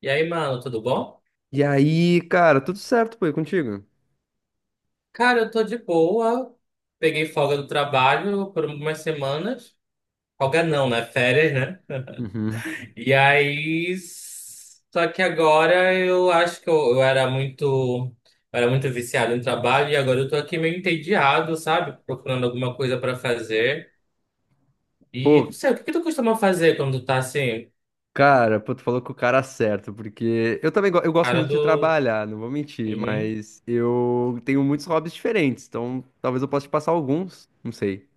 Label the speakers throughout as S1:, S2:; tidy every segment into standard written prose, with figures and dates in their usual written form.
S1: E aí, mano, tudo bom?
S2: E aí, cara, tudo certo, pô, e contigo?
S1: Cara, eu tô de boa. Peguei folga do trabalho por algumas semanas. Folga não, né? Férias, né?
S2: Uhum.
S1: E aí. Só que agora eu acho que eu era muito. Eu era muito viciado em trabalho e agora eu tô aqui meio entediado, sabe? Procurando alguma coisa pra fazer. E não
S2: Pô,
S1: sei, o que que tu costuma fazer quando tu tá assim?
S2: cara, pô, tu falou com o cara certo, porque eu também eu gosto
S1: Cara
S2: muito de
S1: do.
S2: trabalhar, não vou mentir,
S1: Uhum. O
S2: mas eu tenho muitos hobbies diferentes, então talvez eu possa te passar alguns, não sei.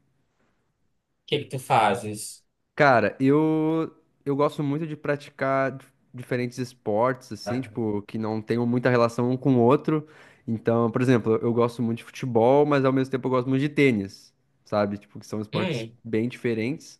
S1: que que tu fazes?
S2: Cara, eu gosto muito de praticar diferentes esportes, assim, tipo, que não tenham muita relação um com o outro. Então, por exemplo, eu gosto muito de futebol, mas ao mesmo tempo eu gosto muito de tênis, sabe? Tipo, que são esportes
S1: Hum,
S2: bem diferentes.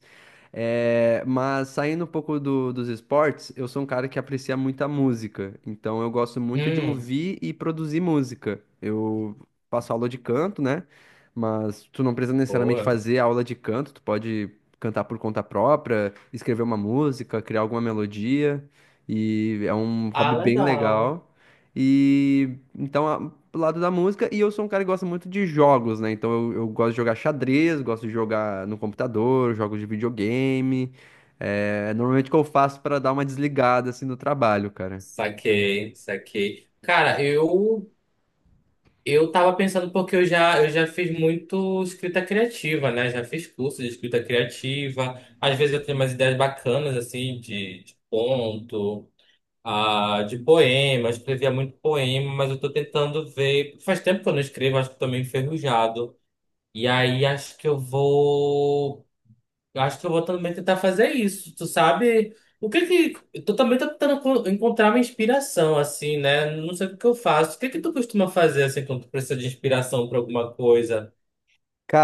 S2: É, mas saindo um pouco dos esportes, eu sou um cara que aprecia muita música. Então eu gosto muito de
S1: hum.
S2: ouvir e produzir música. Eu faço aula de canto, né? Mas tu não precisa necessariamente
S1: Boa.
S2: fazer aula de canto, tu pode cantar por conta própria, escrever uma música, criar alguma melodia. E é um hobby
S1: Ah,
S2: bem
S1: legal.
S2: legal. E então, pro lado da música, e eu sou um cara que gosta muito de jogos, né? Então eu gosto de jogar xadrez, gosto de jogar no computador, jogos de videogame. É, normalmente o que eu faço pra dar uma desligada assim no trabalho, cara.
S1: Saquei, saquei. Cara, eu tava pensando porque eu já fiz muito escrita criativa, né? Já fiz curso de escrita criativa. Às vezes eu tenho umas ideias bacanas assim de conto, de poema. Eu escrevia muito poema, mas eu tô tentando ver. Faz tempo que eu não escrevo, acho que tô meio enferrujado. E aí acho que eu vou também tentar fazer isso. Tu sabe? O que que. Tu também tá tentando encontrar uma inspiração, assim, né? Não sei o que que eu faço. O que que tu costuma fazer, assim, quando tu precisa de inspiração pra alguma coisa?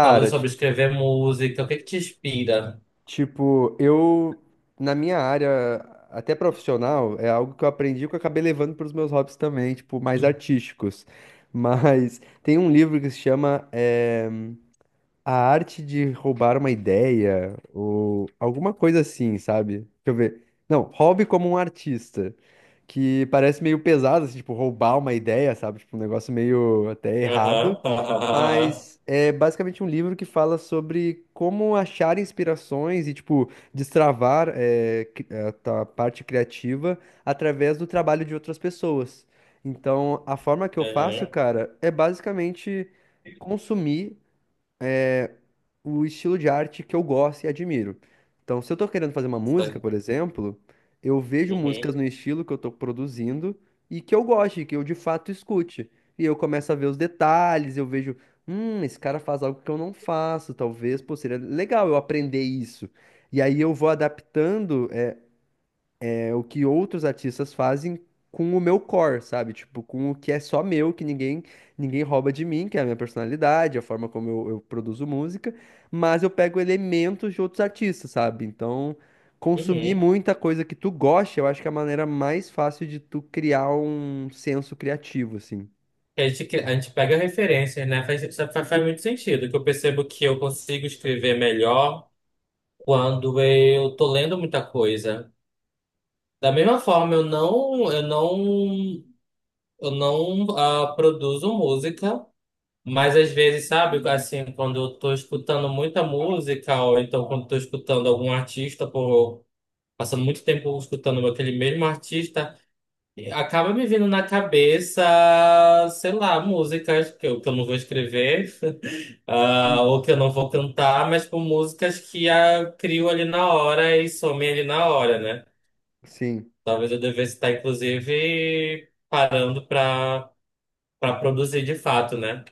S1: Falou sobre escrever música. O que que te inspira?
S2: tipo, eu, na minha área, até profissional, é algo que eu aprendi que eu acabei levando para os meus hobbies também, tipo, mais artísticos. Mas tem um livro que se chama A Arte de Roubar uma Ideia ou alguma coisa assim, sabe? Deixa eu ver. Não, hobby como um artista, que parece meio pesado, assim, tipo, roubar uma ideia, sabe? Tipo, um negócio meio até errado.
S1: Aham. Aham.
S2: Mas é basicamente um livro que fala sobre como achar inspirações e, tipo, destravar é, a tua parte criativa através do trabalho de outras pessoas. Então, a forma que eu faço,
S1: Aham.
S2: cara, é basicamente consumir o estilo de arte que eu gosto e admiro. Então, se eu tô querendo fazer uma música,
S1: Sei.
S2: por exemplo, eu vejo
S1: Uhum.
S2: músicas no estilo que eu tô produzindo e que eu goste, que eu de fato escute. E eu começo a ver os detalhes, eu vejo, esse cara faz algo que eu não faço, talvez, pô, seria legal eu aprender isso. E aí eu vou adaptando, é o que outros artistas fazem com o meu core, sabe? Tipo, com o que é só meu, que ninguém rouba de mim, que é a minha personalidade, a forma como eu produzo música, mas eu pego elementos de outros artistas, sabe? Então, consumir
S1: Uhum.
S2: muita coisa que tu gosta, eu acho que é a maneira mais fácil de tu criar um senso criativo, assim.
S1: A gente, a gente pega referências, né? Faz, isso faz, faz muito sentido, que eu percebo que eu consigo escrever melhor quando eu tô lendo muita coisa. Da mesma forma, eu não produzo música, mas às vezes, sabe, assim, quando eu tô escutando muita música, ou então quando eu tô escutando algum artista, por, passando muito tempo escutando aquele mesmo artista, acaba me vindo na cabeça, sei lá, músicas que eu não vou escrever,
S2: Hum.
S1: ou que eu não vou cantar, mas por músicas que crio ali na hora e somem ali na hora, né?
S2: Sim.
S1: Talvez eu devesse estar, inclusive, parando pra, pra produzir de fato, né?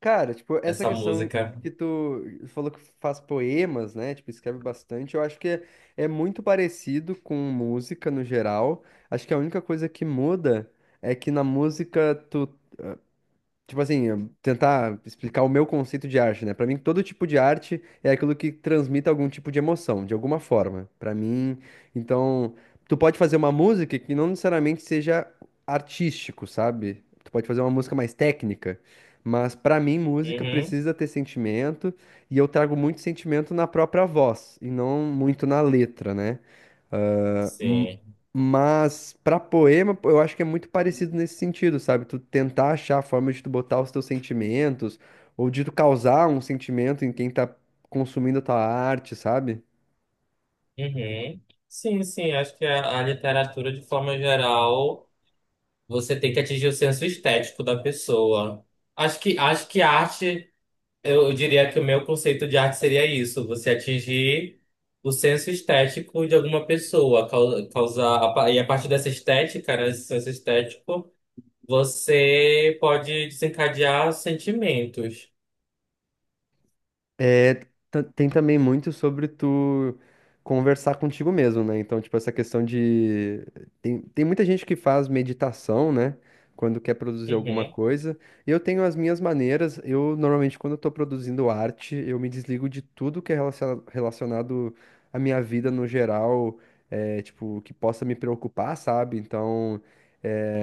S2: Cara, tipo, essa
S1: Essa
S2: questão
S1: música.
S2: que tu falou que faz poemas, né? Tipo, escreve bastante. Eu acho que é, é muito parecido com música no geral. Acho que a única coisa que muda é que na música tu tipo assim, eu tentar explicar o meu conceito de arte, né? Pra mim, todo tipo de arte é aquilo que transmite algum tipo de emoção, de alguma forma. Pra mim, então, tu pode fazer uma música que não necessariamente seja artístico, sabe? Tu pode fazer uma música mais técnica, mas pra mim, música
S1: Uhum.
S2: precisa ter sentimento, e eu trago muito sentimento na própria voz, e não muito na letra, né? Ah, M-
S1: Sim.
S2: Mas pra poema, pô, eu acho que é muito parecido nesse sentido, sabe? Tu tentar achar a forma de tu botar os teus sentimentos ou de tu causar um sentimento em quem tá consumindo a tua arte, sabe?
S1: Uhum. Sim, sim. Acho que a literatura, de forma geral, você tem que atingir o senso estético da pessoa. Acho que a arte, eu diria que o meu conceito de arte seria isso: você atingir o senso estético de alguma pessoa, causar, e a partir dessa estética, né, esse senso estético. Você pode desencadear sentimentos.
S2: É, tem também muito sobre tu conversar contigo mesmo, né? Então, tipo, essa questão de. Tem muita gente que faz meditação, né? Quando quer produzir alguma
S1: Uhum.
S2: coisa. Eu tenho as minhas maneiras. Eu, normalmente, quando eu tô produzindo arte, eu me desligo de tudo que é relacionado à minha vida no geral, é, tipo, que possa me preocupar, sabe? Então.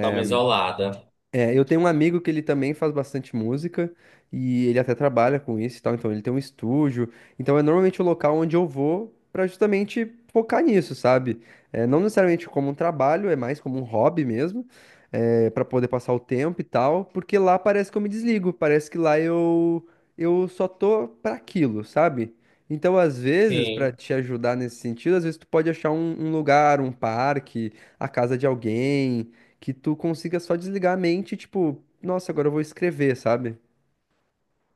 S1: Dá uma isolada.
S2: é, eu tenho um amigo que ele também faz bastante música e ele até trabalha com isso e tal, então ele tem um estúdio. Então é normalmente o local onde eu vou pra justamente focar nisso, sabe? É, não necessariamente como um trabalho, é mais como um hobby mesmo, é, para poder passar o tempo e tal, porque lá parece que eu me desligo, parece que lá eu só tô pra aquilo, sabe? Então, às vezes, pra
S1: Sim.
S2: te ajudar nesse sentido, às vezes tu pode achar um lugar, um parque, a casa de alguém que tu consiga só desligar a mente, e, tipo, nossa, agora eu vou escrever, sabe?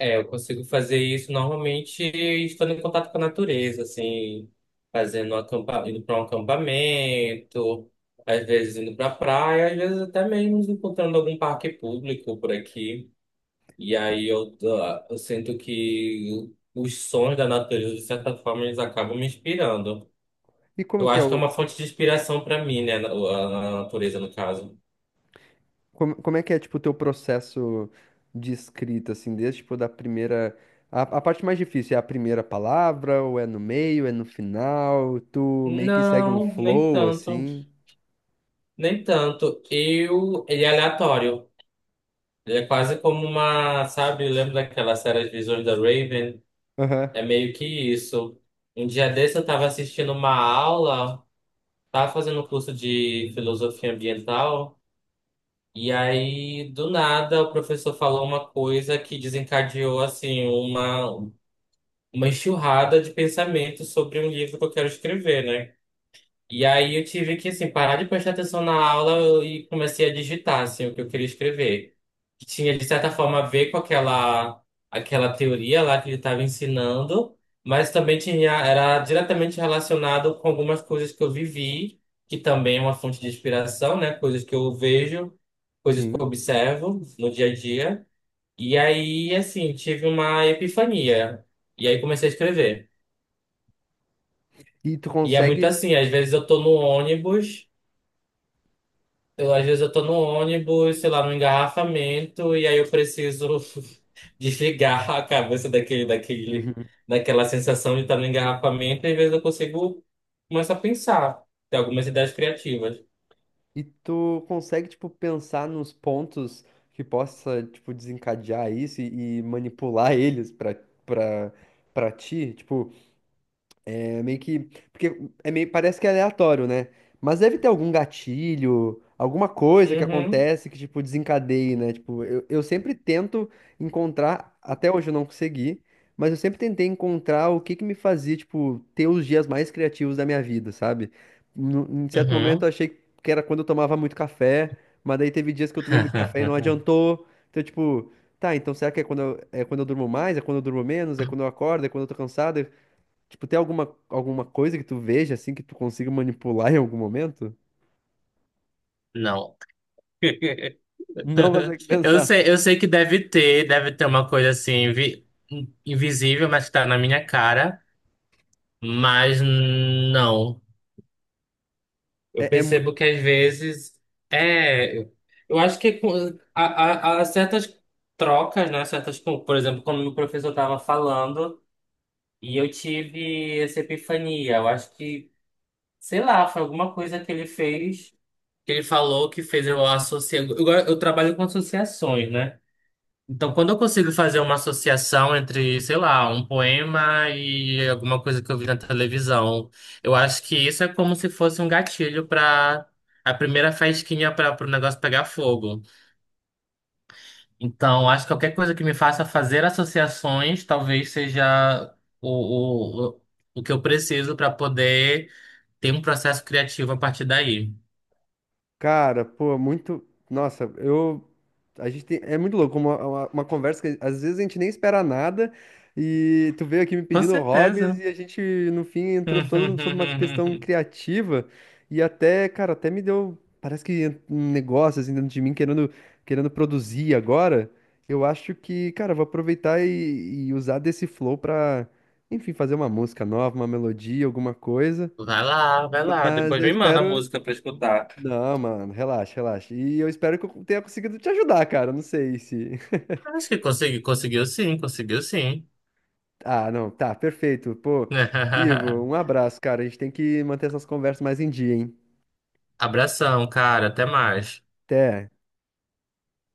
S1: É, eu consigo fazer isso normalmente estando em contato com a natureza, assim, fazendo um indo para um acampamento, às vezes indo para praia, às vezes até mesmo encontrando algum parque público por aqui. E aí eu sinto que os sons da natureza, de certa forma, eles acabam me inspirando.
S2: E como
S1: Eu
S2: que é
S1: acho
S2: o
S1: que é uma fonte de inspiração pra mim, né? A natureza, no caso.
S2: como, como é que é tipo o teu processo de escrita assim, desde tipo da primeira a parte mais difícil é a primeira palavra ou é no meio, é no final, tu meio que segue um
S1: Não, nem
S2: flow
S1: tanto.
S2: assim.
S1: Nem tanto. Eu. Ele é aleatório. Ele é quase como uma. Sabe, lembra daquela série As Visões da Raven?
S2: Aham.
S1: É meio que isso. Um dia desse eu tava assistindo uma aula, tava fazendo um curso de filosofia ambiental, e aí, do nada, o professor falou uma coisa que desencadeou, assim, uma enxurrada de pensamentos sobre um livro que eu quero escrever, né? E aí eu tive que, assim, parar de prestar atenção na aula e comecei a digitar, assim, o que eu queria escrever. Que tinha, de certa forma, a ver com aquela teoria lá que ele estava ensinando, mas também tinha, era diretamente relacionado com algumas coisas que eu vivi, que também é uma fonte de inspiração, né? Coisas que eu vejo, coisas que
S2: Sim.
S1: eu observo no dia a dia. E aí, assim, tive uma epifania. E aí comecei a escrever.
S2: E tu
S1: E é muito
S2: consegue
S1: assim, às vezes eu tô no ônibus... às vezes eu tô no ônibus, sei lá, no engarrafamento, e aí eu preciso desligar a cabeça daquela sensação de estar no engarrafamento, e às vezes eu consigo começar a pensar, ter algumas ideias criativas.
S2: e tu consegue tipo pensar nos pontos que possa tipo desencadear isso e manipular eles pra para para ti, tipo É meio que. Porque é meio, parece que é aleatório, né? Mas deve ter algum gatilho, alguma coisa que
S1: Uhum.
S2: acontece que, tipo, desencadeie, né? Tipo, eu sempre tento encontrar, até hoje eu não consegui, mas eu sempre tentei encontrar o que que me fazia, tipo, ter os dias mais criativos da minha vida, sabe? Em certo momento eu
S1: Uhum.
S2: achei que era quando eu tomava muito café, mas daí teve dias que eu tomei muito café e não adiantou. Então, tipo, tá, então será que é quando eu durmo mais? É quando eu durmo menos? É quando eu acordo? É quando eu tô cansado? Tipo, tem alguma, alguma coisa que tu veja assim que tu consiga manipular em algum momento?
S1: Não.
S2: Não vai consegue pensar.
S1: Eu sei que deve ter uma coisa assim invisível, mas que tá na minha cara, mas não. Eu
S2: É, é, mu-
S1: percebo que às vezes é. Eu acho que há, há certas trocas, né? Certas, por exemplo, como o professor estava falando, e eu tive essa epifania. Eu acho que, sei lá, foi alguma coisa que ele fez, que ele falou que fez eu associar. Eu trabalho com associações, né? Então, quando eu consigo fazer uma associação entre, sei lá, um poema e alguma coisa que eu vi na televisão, eu acho que isso é como se fosse um gatilho para a primeira faísquinha para o negócio pegar fogo. Então, acho que qualquer coisa que me faça fazer associações talvez seja o que eu preciso para poder ter um processo criativo a partir daí.
S2: Cara, pô, é muito. Nossa, eu. A gente tem... É muito louco, uma conversa que às vezes a gente nem espera nada e tu veio aqui me
S1: Com
S2: pedindo hobbies
S1: certeza.
S2: e a gente, no fim, entrou todo sobre uma questão criativa e até, cara, até me deu. Parece que um negócio assim dentro de mim querendo, querendo produzir agora. Eu acho que, cara, eu vou aproveitar e usar desse flow pra, enfim, fazer uma música nova, uma melodia, alguma coisa.
S1: Vai lá, vai lá.
S2: Mas
S1: Depois
S2: eu
S1: me manda a
S2: espero.
S1: música para escutar.
S2: Não, mano, relaxa, relaxa. E eu espero que eu tenha conseguido te ajudar, cara. Não sei se.
S1: Acho que consegui, conseguiu sim, conseguiu sim.
S2: Ah, não, tá, perfeito. Pô, Ivo, um abraço, cara. A gente tem que manter essas conversas mais em dia, hein?
S1: Abração, cara, até mais.
S2: Até.